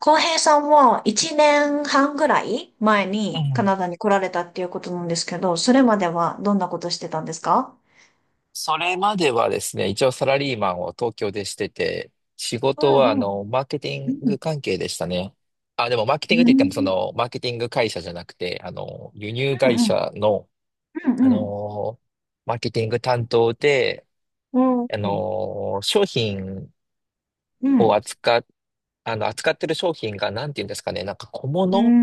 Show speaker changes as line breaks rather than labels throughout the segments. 浩平さんは1年半ぐらい前
う
にカ
ん。
ナダに来られたっていうことなんですけど、それまではどんなことしてたんですか？
それまではですね、一応サラリーマンを東京でしてて、仕
う
事は
んうん。
マーケティング関係でしたね。あ、でもマーケ
う
ティングっ
ん
て言っても
うん
マーケティング会社じゃなくて、輸入会社の、
う
あ
んうん
のーマーケティング担当で、
うんうん
商品
うんう
を
ん
扱ってる商品が何て言うんですかね、なんか小物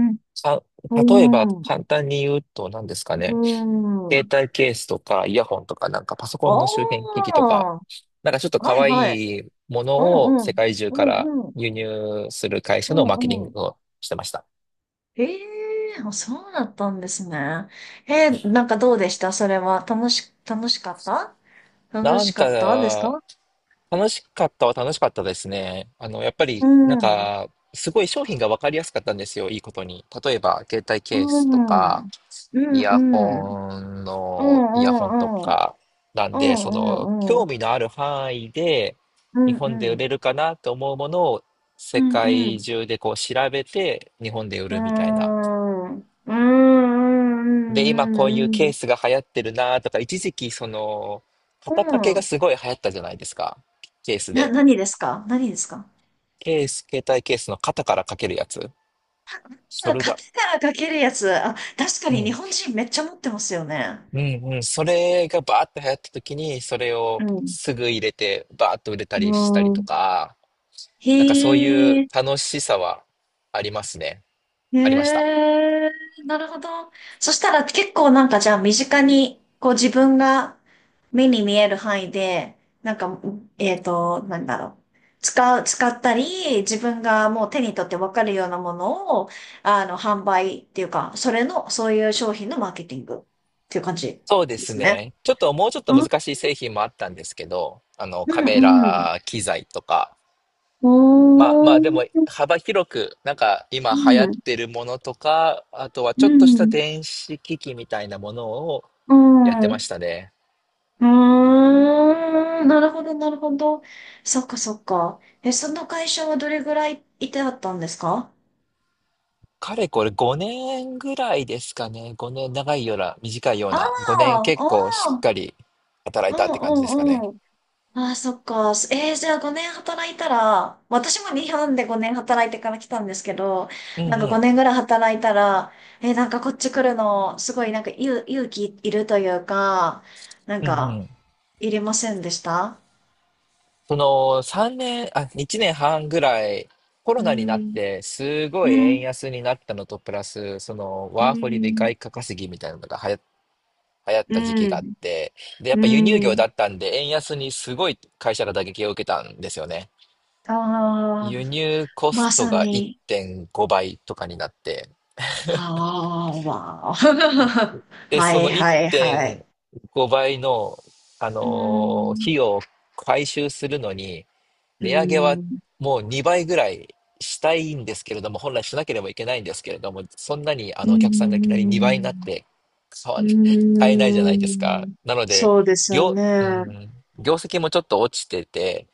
か、
う
例えば
ん
簡単に言うと何ですかね。
う
携
ん
帯ケースとか、イヤホンとか、なんかパソコンの周辺機器とか、
おー
なんかちょっと
は
可
いはい。
愛いもの
う
を
んう
世
ん
界中
う
から
んうん
輸入する会
う
社のマーケティ
んう
ン
ん。
グをしてました。
ええー、あそうだったんですね。なんかどうでしたそれは。楽
な
し
ん
かったです
か、
か？
楽しかったは楽しかったですね。やっぱ
う
り、なん
ん、うん、
か、すごい商品が分かりやすかったんですよ、いいことに。例えば、携帯
う
ケースと
ん、う
か、
ん、うん、うん、うん、う
イヤホンと
ん、うん、うん、
か、なんで、そ
う
の、
ん、う
興
ん、
味のある範囲で、
う
日
ん、うん、
本で
う
売
ん、
れるかなと思うものを、世
うん、う
界
ん、
中でこう調べて、日本で売るみたいな。で、
う
今こういうケ
ん、
ースが流行ってるなとか、一時期その、
う
肩掛けが
ん、
すごい流行ったじゃないですか。ケースで。
何ですか何ですか？
ケース、携帯ケースの肩から掛けるやつ。そ
あ、
れ
カ
だ。
テナかけるやつ。あ、確か
う
に日
ん。
本人めっちゃ持ってますよね。
うんうん。それがバーッと流行った時に、それ
う
をすぐ入れて、バーッと売れたりしたり
ん。う
と
ん。
か、なんかそうい
へ
う
え。
楽しさはありますね。ありました。
へえ、なるほど。そしたら結構なんかじゃあ身近に、こう自分が目に見える範囲で、なんか、なんだろう。使ったり、自分がもう手に取ってわかるようなものを、販売っていうか、それの、そういう商品のマーケティングっていう感じ
そうで
で
す
すね。
ね。ちょっともうちょっと
う
難
ん
しい製品もあったんですけど、
う
カメ
んうん。
ラ機材とか、
お
まあまあ
ー、
でも幅広く、なんか今
う
流行っ
ん、
てるものとか、あとは
う
ちょっとした
ん、
電子機器みたいなものを
う
やってま
ん。
したね。
うーん、なるほど、なるほど。そっか、そっか。え、その会社はどれぐらいいてあったんですか？
かれこれ5年ぐらいですかね。5年、長いような、短いよう
あ
な。5年
あ、
結構
あ
しっ
あ、
かり働
う
いたっ
ん
て感じですか
う
ね。
んうん。ああ、そっか。じゃあ5年働いたら、私も日本で5年働いてから来たんですけど、
うん
なんか
うん。
5年ぐらい働いたら、なんかこっち来るの、すごいなんか勇気いるというか、なん
うんう
か、
ん。
いりませんでした？
その3年、あ、1年半ぐらい、コ
う
ロナになっ
ん、
て、すご
う
い円
ん、
安になったのと、プラス、その、
う
ワーホリで
ん、
外貨稼ぎみたいなのが流行っ
う
た時期があっ
ん、
て、で、やっ
う
ぱ輸入業
ん。
だったんで、円安にすごい会社が打撃を受けたんですよね。
あ
輸
あ、
入コス
ま
ト
さ
が
に。
1.5倍とかになって、
ああ、わあ。
で、
は
そ
い
の
はいはい。
1.5倍の、
うーん、
費用を回収するのに、
うー
値上げは
ん、
もう2倍ぐらいしたいんですけれども、本来しなければいけないんですけれども、そんなに
う
あ
ー
のお客さんがいきなり2倍になっ
ん、
て買
う
わ 買えないじゃ
ー
ないですか。
ん。
なので、
そうですよね。
うん、業績もちょっと落ちてて、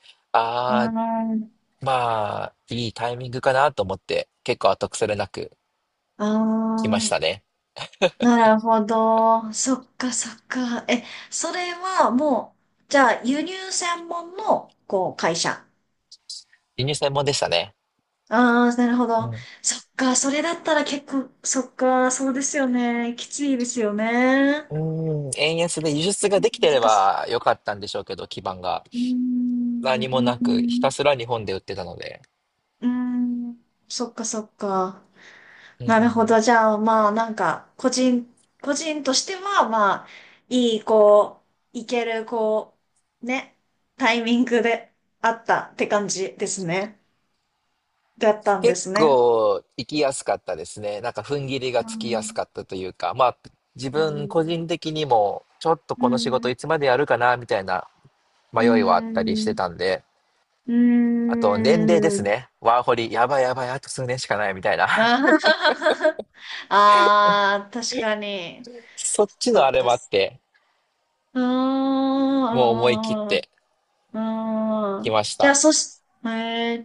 うー
ああ、
ん、
まあ、いいタイミングかなと思って、結構後腐れなく
あ
来ました
あ、
ね。
なるほど。そっかそっか。え、それはもう、じゃあ輸入専門の、こう、会社。
輸入専門でしたね。
ああ、なるほ
う
ど。
ん
そっか、それだったら結構、そっか、そうですよね。きついですよね。
うん、円安で輸出ができてれ
難し
ばよかったんでしょうけど、基盤が。
い。うーん、う
何
ー
もなく、ひた
ん、
すら日本で売ってたので。
うーん。そっか、そっか。
うんう
なるほど。
ん、
じゃあ、まあ、なんか、個人としては、まあ、いい、こう、いける、こう、ね、タイミングであったって感じですね。だったんで
結
すね。
構行きやすかったですね。なんか踏ん切りが
う
つきやす
ん、
かったというか、まあ自
う
分個
ん、
人的にもちょっと
う
この仕事
ん。
いつまでやるかなみたいな
う
迷いはあったりして
ん
たんで、
うー
あと年齢です
ん。
ね。ワーホリ、やばいやばい、あと数年しかないみたいな。
あー。 あー、確かに。
そっち
そ
のあ
っ
れ
か。
もあって、
うー
もう思い切っ
ん。うーん。
て
うー
き
ん
まし
じゃあ、
た。
そし、え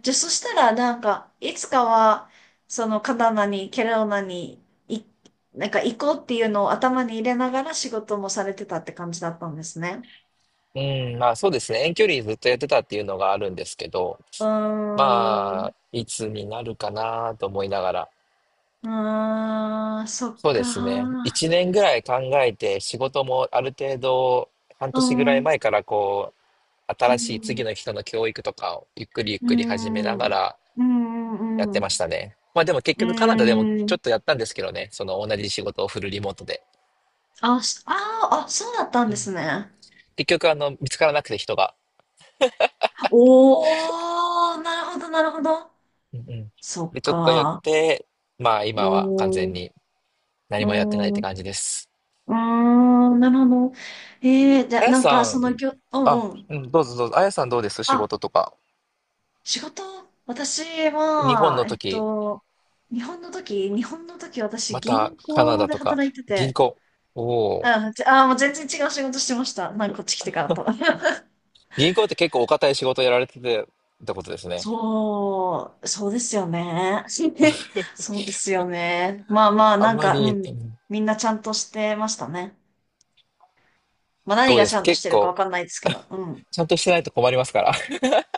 ー、じゃあ、そしたら、なんか、いつかは、その、カナダに、ケローナに、い、なんか、行こうっていうのを頭に入れながら仕事もされてたって感じだったんですね。
うん、まあそうですね。遠距離ずっとやってたっていうのがあるんですけど、
うー
ま
ん。
あ、いつになるかなと思いながら。
うーん、そっ
そうですね。
か。
一年ぐらい考えて、仕事もある程度、半
う
年ぐらい
ん。
前からこう、
う
新しい次
ん。
の人の教育とかをゆっくりゆっ
うー
くり始めな
ん。う
がら
ー
やっ
ん。
て
う
ましたね。まあでも結
ー
局カナダでも
ん。うー
ちょ
ん
っとやったんですけどね。その同じ仕事をフルリモートで。
あ、しあー、あ、そうだったん
う
で
ん。
すね。
結局見つからなくて人が。
おー、なるほど、なるほど。
うんうん。
そっ
で、ちょっとやっ
か。
て、まあ
お
今は完全
ー、
に。
う
何
ー
もやってないっ
ん、
て
う
感じです。
ーん、なるほど。じゃ
あ
あ、
や
なんか、
さん、
う
あ、
んうん。
うん、どうぞどうぞ。あやさんどうです仕
あ、
事とか。
仕事、私
日本
は、
の時、
日本の時、私、
また
銀
カナ
行
ダ
で
とか、
働いて
銀
て、
行。おお。
うん、じゃあもう全然違う仕事してました。なんかこっち来てからと。
銀行って結構お堅い仕事やられててってことですね。
そうですよね。そうですよね。まあまあ、
あ
な
ん
ん
ま
か、う
り、う
ん。
ん。
みんなちゃんとしてましたね。まあ何
どう
が
で
ち
す
ゃ
か
んとし
結
てるかわ
構、
かんないですけど、うん。
ちゃんとしてないと困りますから。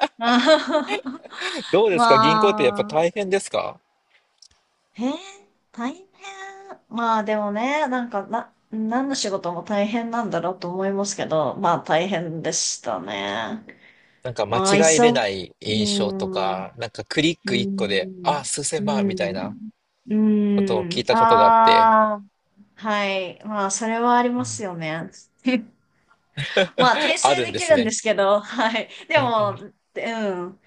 あはは。
どうですか銀行ってやっぱ
まあ、
大変ですか。
へえ、大変。まあでもね、なんか、何の仕事も大変なんだろうと思いますけど、まあ大変でしたね。
なんか間
まあ、いっ
違えれ
そ、う
ない
ー
印象と
ん。う
か、なんかクリッ
ー
ク一個で、あ、
ん。
数
う
千万み
ー
たいな
ん。う
ことを
ー
聞い
ん。
たことがあって、
ああ、はい。まあ、それはあり
う
ます
ん。
よね。まあ、訂
あ
正
るん
で
で
き
す
るんで
ね。
すけど、はい。で
うんう
も、
ん。
うん。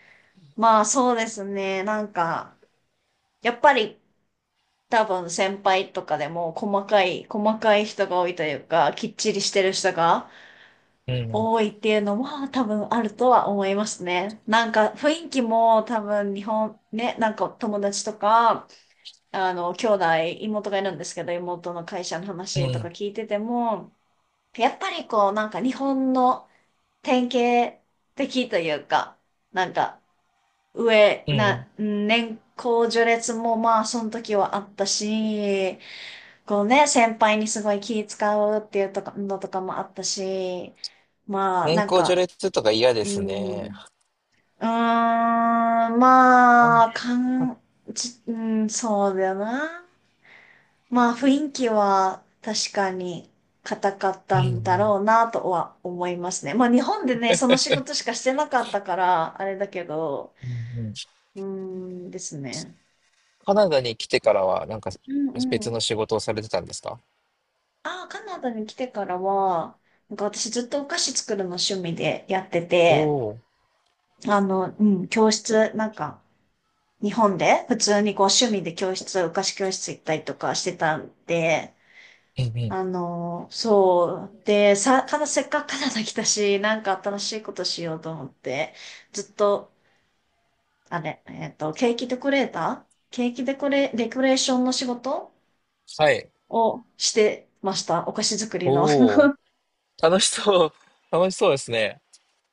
まあ、そうですね。なんか、やっぱり、多分先輩とかでも細かい人が多いというか、きっちりしてる人が
うん
多いっていうのは多分あるとは思いますね。なんか雰囲気も多分日本ね、なんか友達とか、あの、兄弟、妹がいるんですけど、妹の会社の
う
話とか
ん、
聞いてても、やっぱりこう、なんか日本の典型的というか、なんか、
うん。
年功序列もまあ、その時はあったし、こうね、先輩にすごい気使うっていうとか、のとかもあったし、まあ、
年
なん
功序
か、
列とか嫌で
う
す
ん、
ね。
うーん、
あん、うん
まあ、かん、ち、うん、そうだよな。まあ、雰囲気は確かに硬かっ
う
たんだ
ん、
ろうなとは思いますね。まあ、日本でね、その仕事しかしてなかったから、あれだけど、
うんうん。
うーんですね。
カナダに来てからは、なんか
うんう
別の
ん。
仕事をされてたんですか。
ああ、カナダに来てからは、なんか私ずっとお菓子作るの趣味でやって
お
て、
お
うん、教室、なんか、日本で普通にこう趣味でお菓子教室行ったりとかしてたんで、
ー、うんうん。
そう。で、さ、かな、せっかくカナダ来たし、なんか新しいことしようと思って、ずっと、ケーキデコレーターケーキデコレ、デコレーションの仕事
はい。
をしてました。お菓子作り
お
の。
お、楽しそう。楽しそうですね。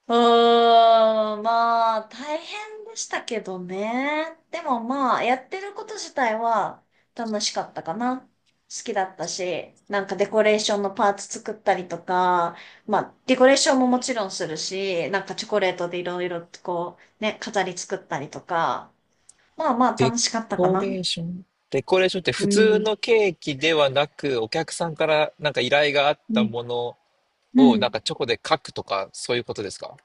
うーん、まあ、大変でしたけどね。でもまあ、やってること自体は楽しかったかな。好きだったし、なんかデコレーションのパーツ作ったりとか、まあ、デコレーションももちろんするし、なんかチョコレートでいろいろとこう、ね、飾り作ったりとか、まあまあ
デ
楽しかったか
コ
な。
レーションデコレーションって
う
普通
ん。
のケーキではなく、お客さんからなんか依頼があっ
う
た
ん。
もの
う
をなん
ん。
かチョコで書くとか、そういうことですか。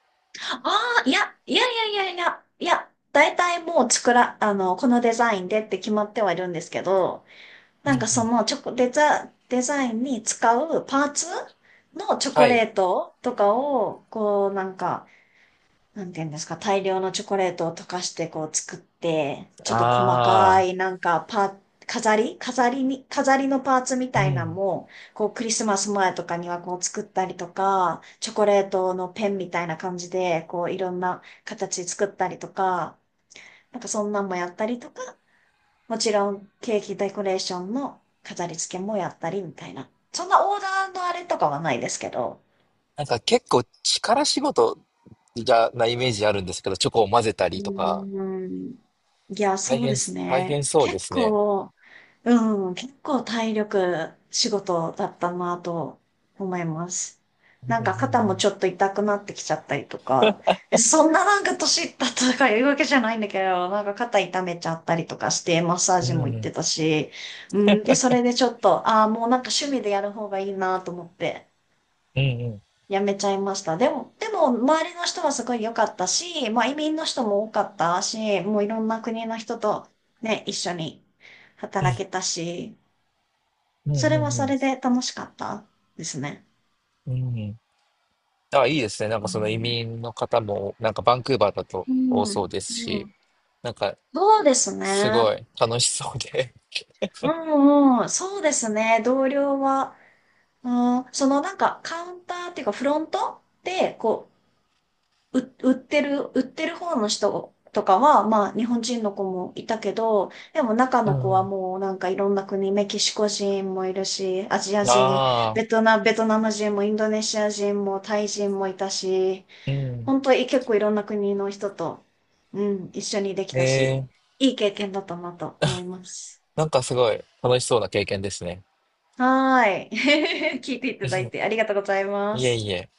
ああ、いや、いやいやいやいや、いや、大体もう作ら、あの、このデザインでって決まってはいるんですけど、なんかそのチョコ、デザ、デザインに使うパーツのチョ
は
コレ
い。
ートとかを、こうなんか、なんていうんですか、大量のチョコレートを溶かしてこう作って、ちょっと細
あ
か
あ。
いなんかパ、飾り飾りに、飾りのパーツみ
う
たいなの
ん。
も、こうクリスマス前とかにはこう作ったりとか、チョコレートのペンみたいな感じで、こういろんな形作ったりとか、なんかそんなんもやったりとか、もちろんケーキデコレーションの飾り付けもやったりみたいな。そんなオーダーのあれとかはないですけど、
なんか結構力仕事じゃなイメージあるんですけど、チョコを混ぜた
う
りとか、
ーん。いや、
大
そうで
変
す
大
ね。
変そうで
結
すね。
構、うん、結構体力仕事だったなと思います。な
う
んか肩もち
ん
ょっと痛くなってきちゃったりとか、え、そんななんか年いったとかいうわけじゃないんだけど、なんか肩痛めちゃったりとかして、マッサー
う
ジ
ん
も行
う
って
ん。
たし、うん、で、それでちょっと、ああ、もうなんか趣味でやる方がいいなと思って、
うんうんうん
やめちゃいました。でも、周りの人はすごい良かったし、まあ、移民の人も多かったし、もういろんな国の人とね、一緒に
うん
働けたし、
うんう
そ
ん
れはそ
うん
れで楽しかったですね。
うん。あ、いいですね。なん
う
かその移
ん
民の方も、なんかバンクーバーだと
う
多そ
ん、
うです
う
し、
ん、
なんか
そうです
す
ね。
ごい楽しそうで。
うんうん、そうですね。同僚は、うん、そのなんかカウンターっていうかフロントで、こう、売ってる方の人とかは、まあ、日本人の子もいたけど、でも中
う
の子は
ん。
もうなんかいろんな国、メキシコ人もいるし、アジア人、
あ
ベ
あ、
トナ、ベトナム人もインドネシア人もタイ人もいたし、
うん。
本当に結構いろんな国の人と、うん、一緒にでき
え
たし、
え、
いい経験だったなと思います。
なんかすごい楽しそうな経験ですね。
はーい。聞いていた
う
だい
ん。
てありがとうございま
いえ
す。
いえ。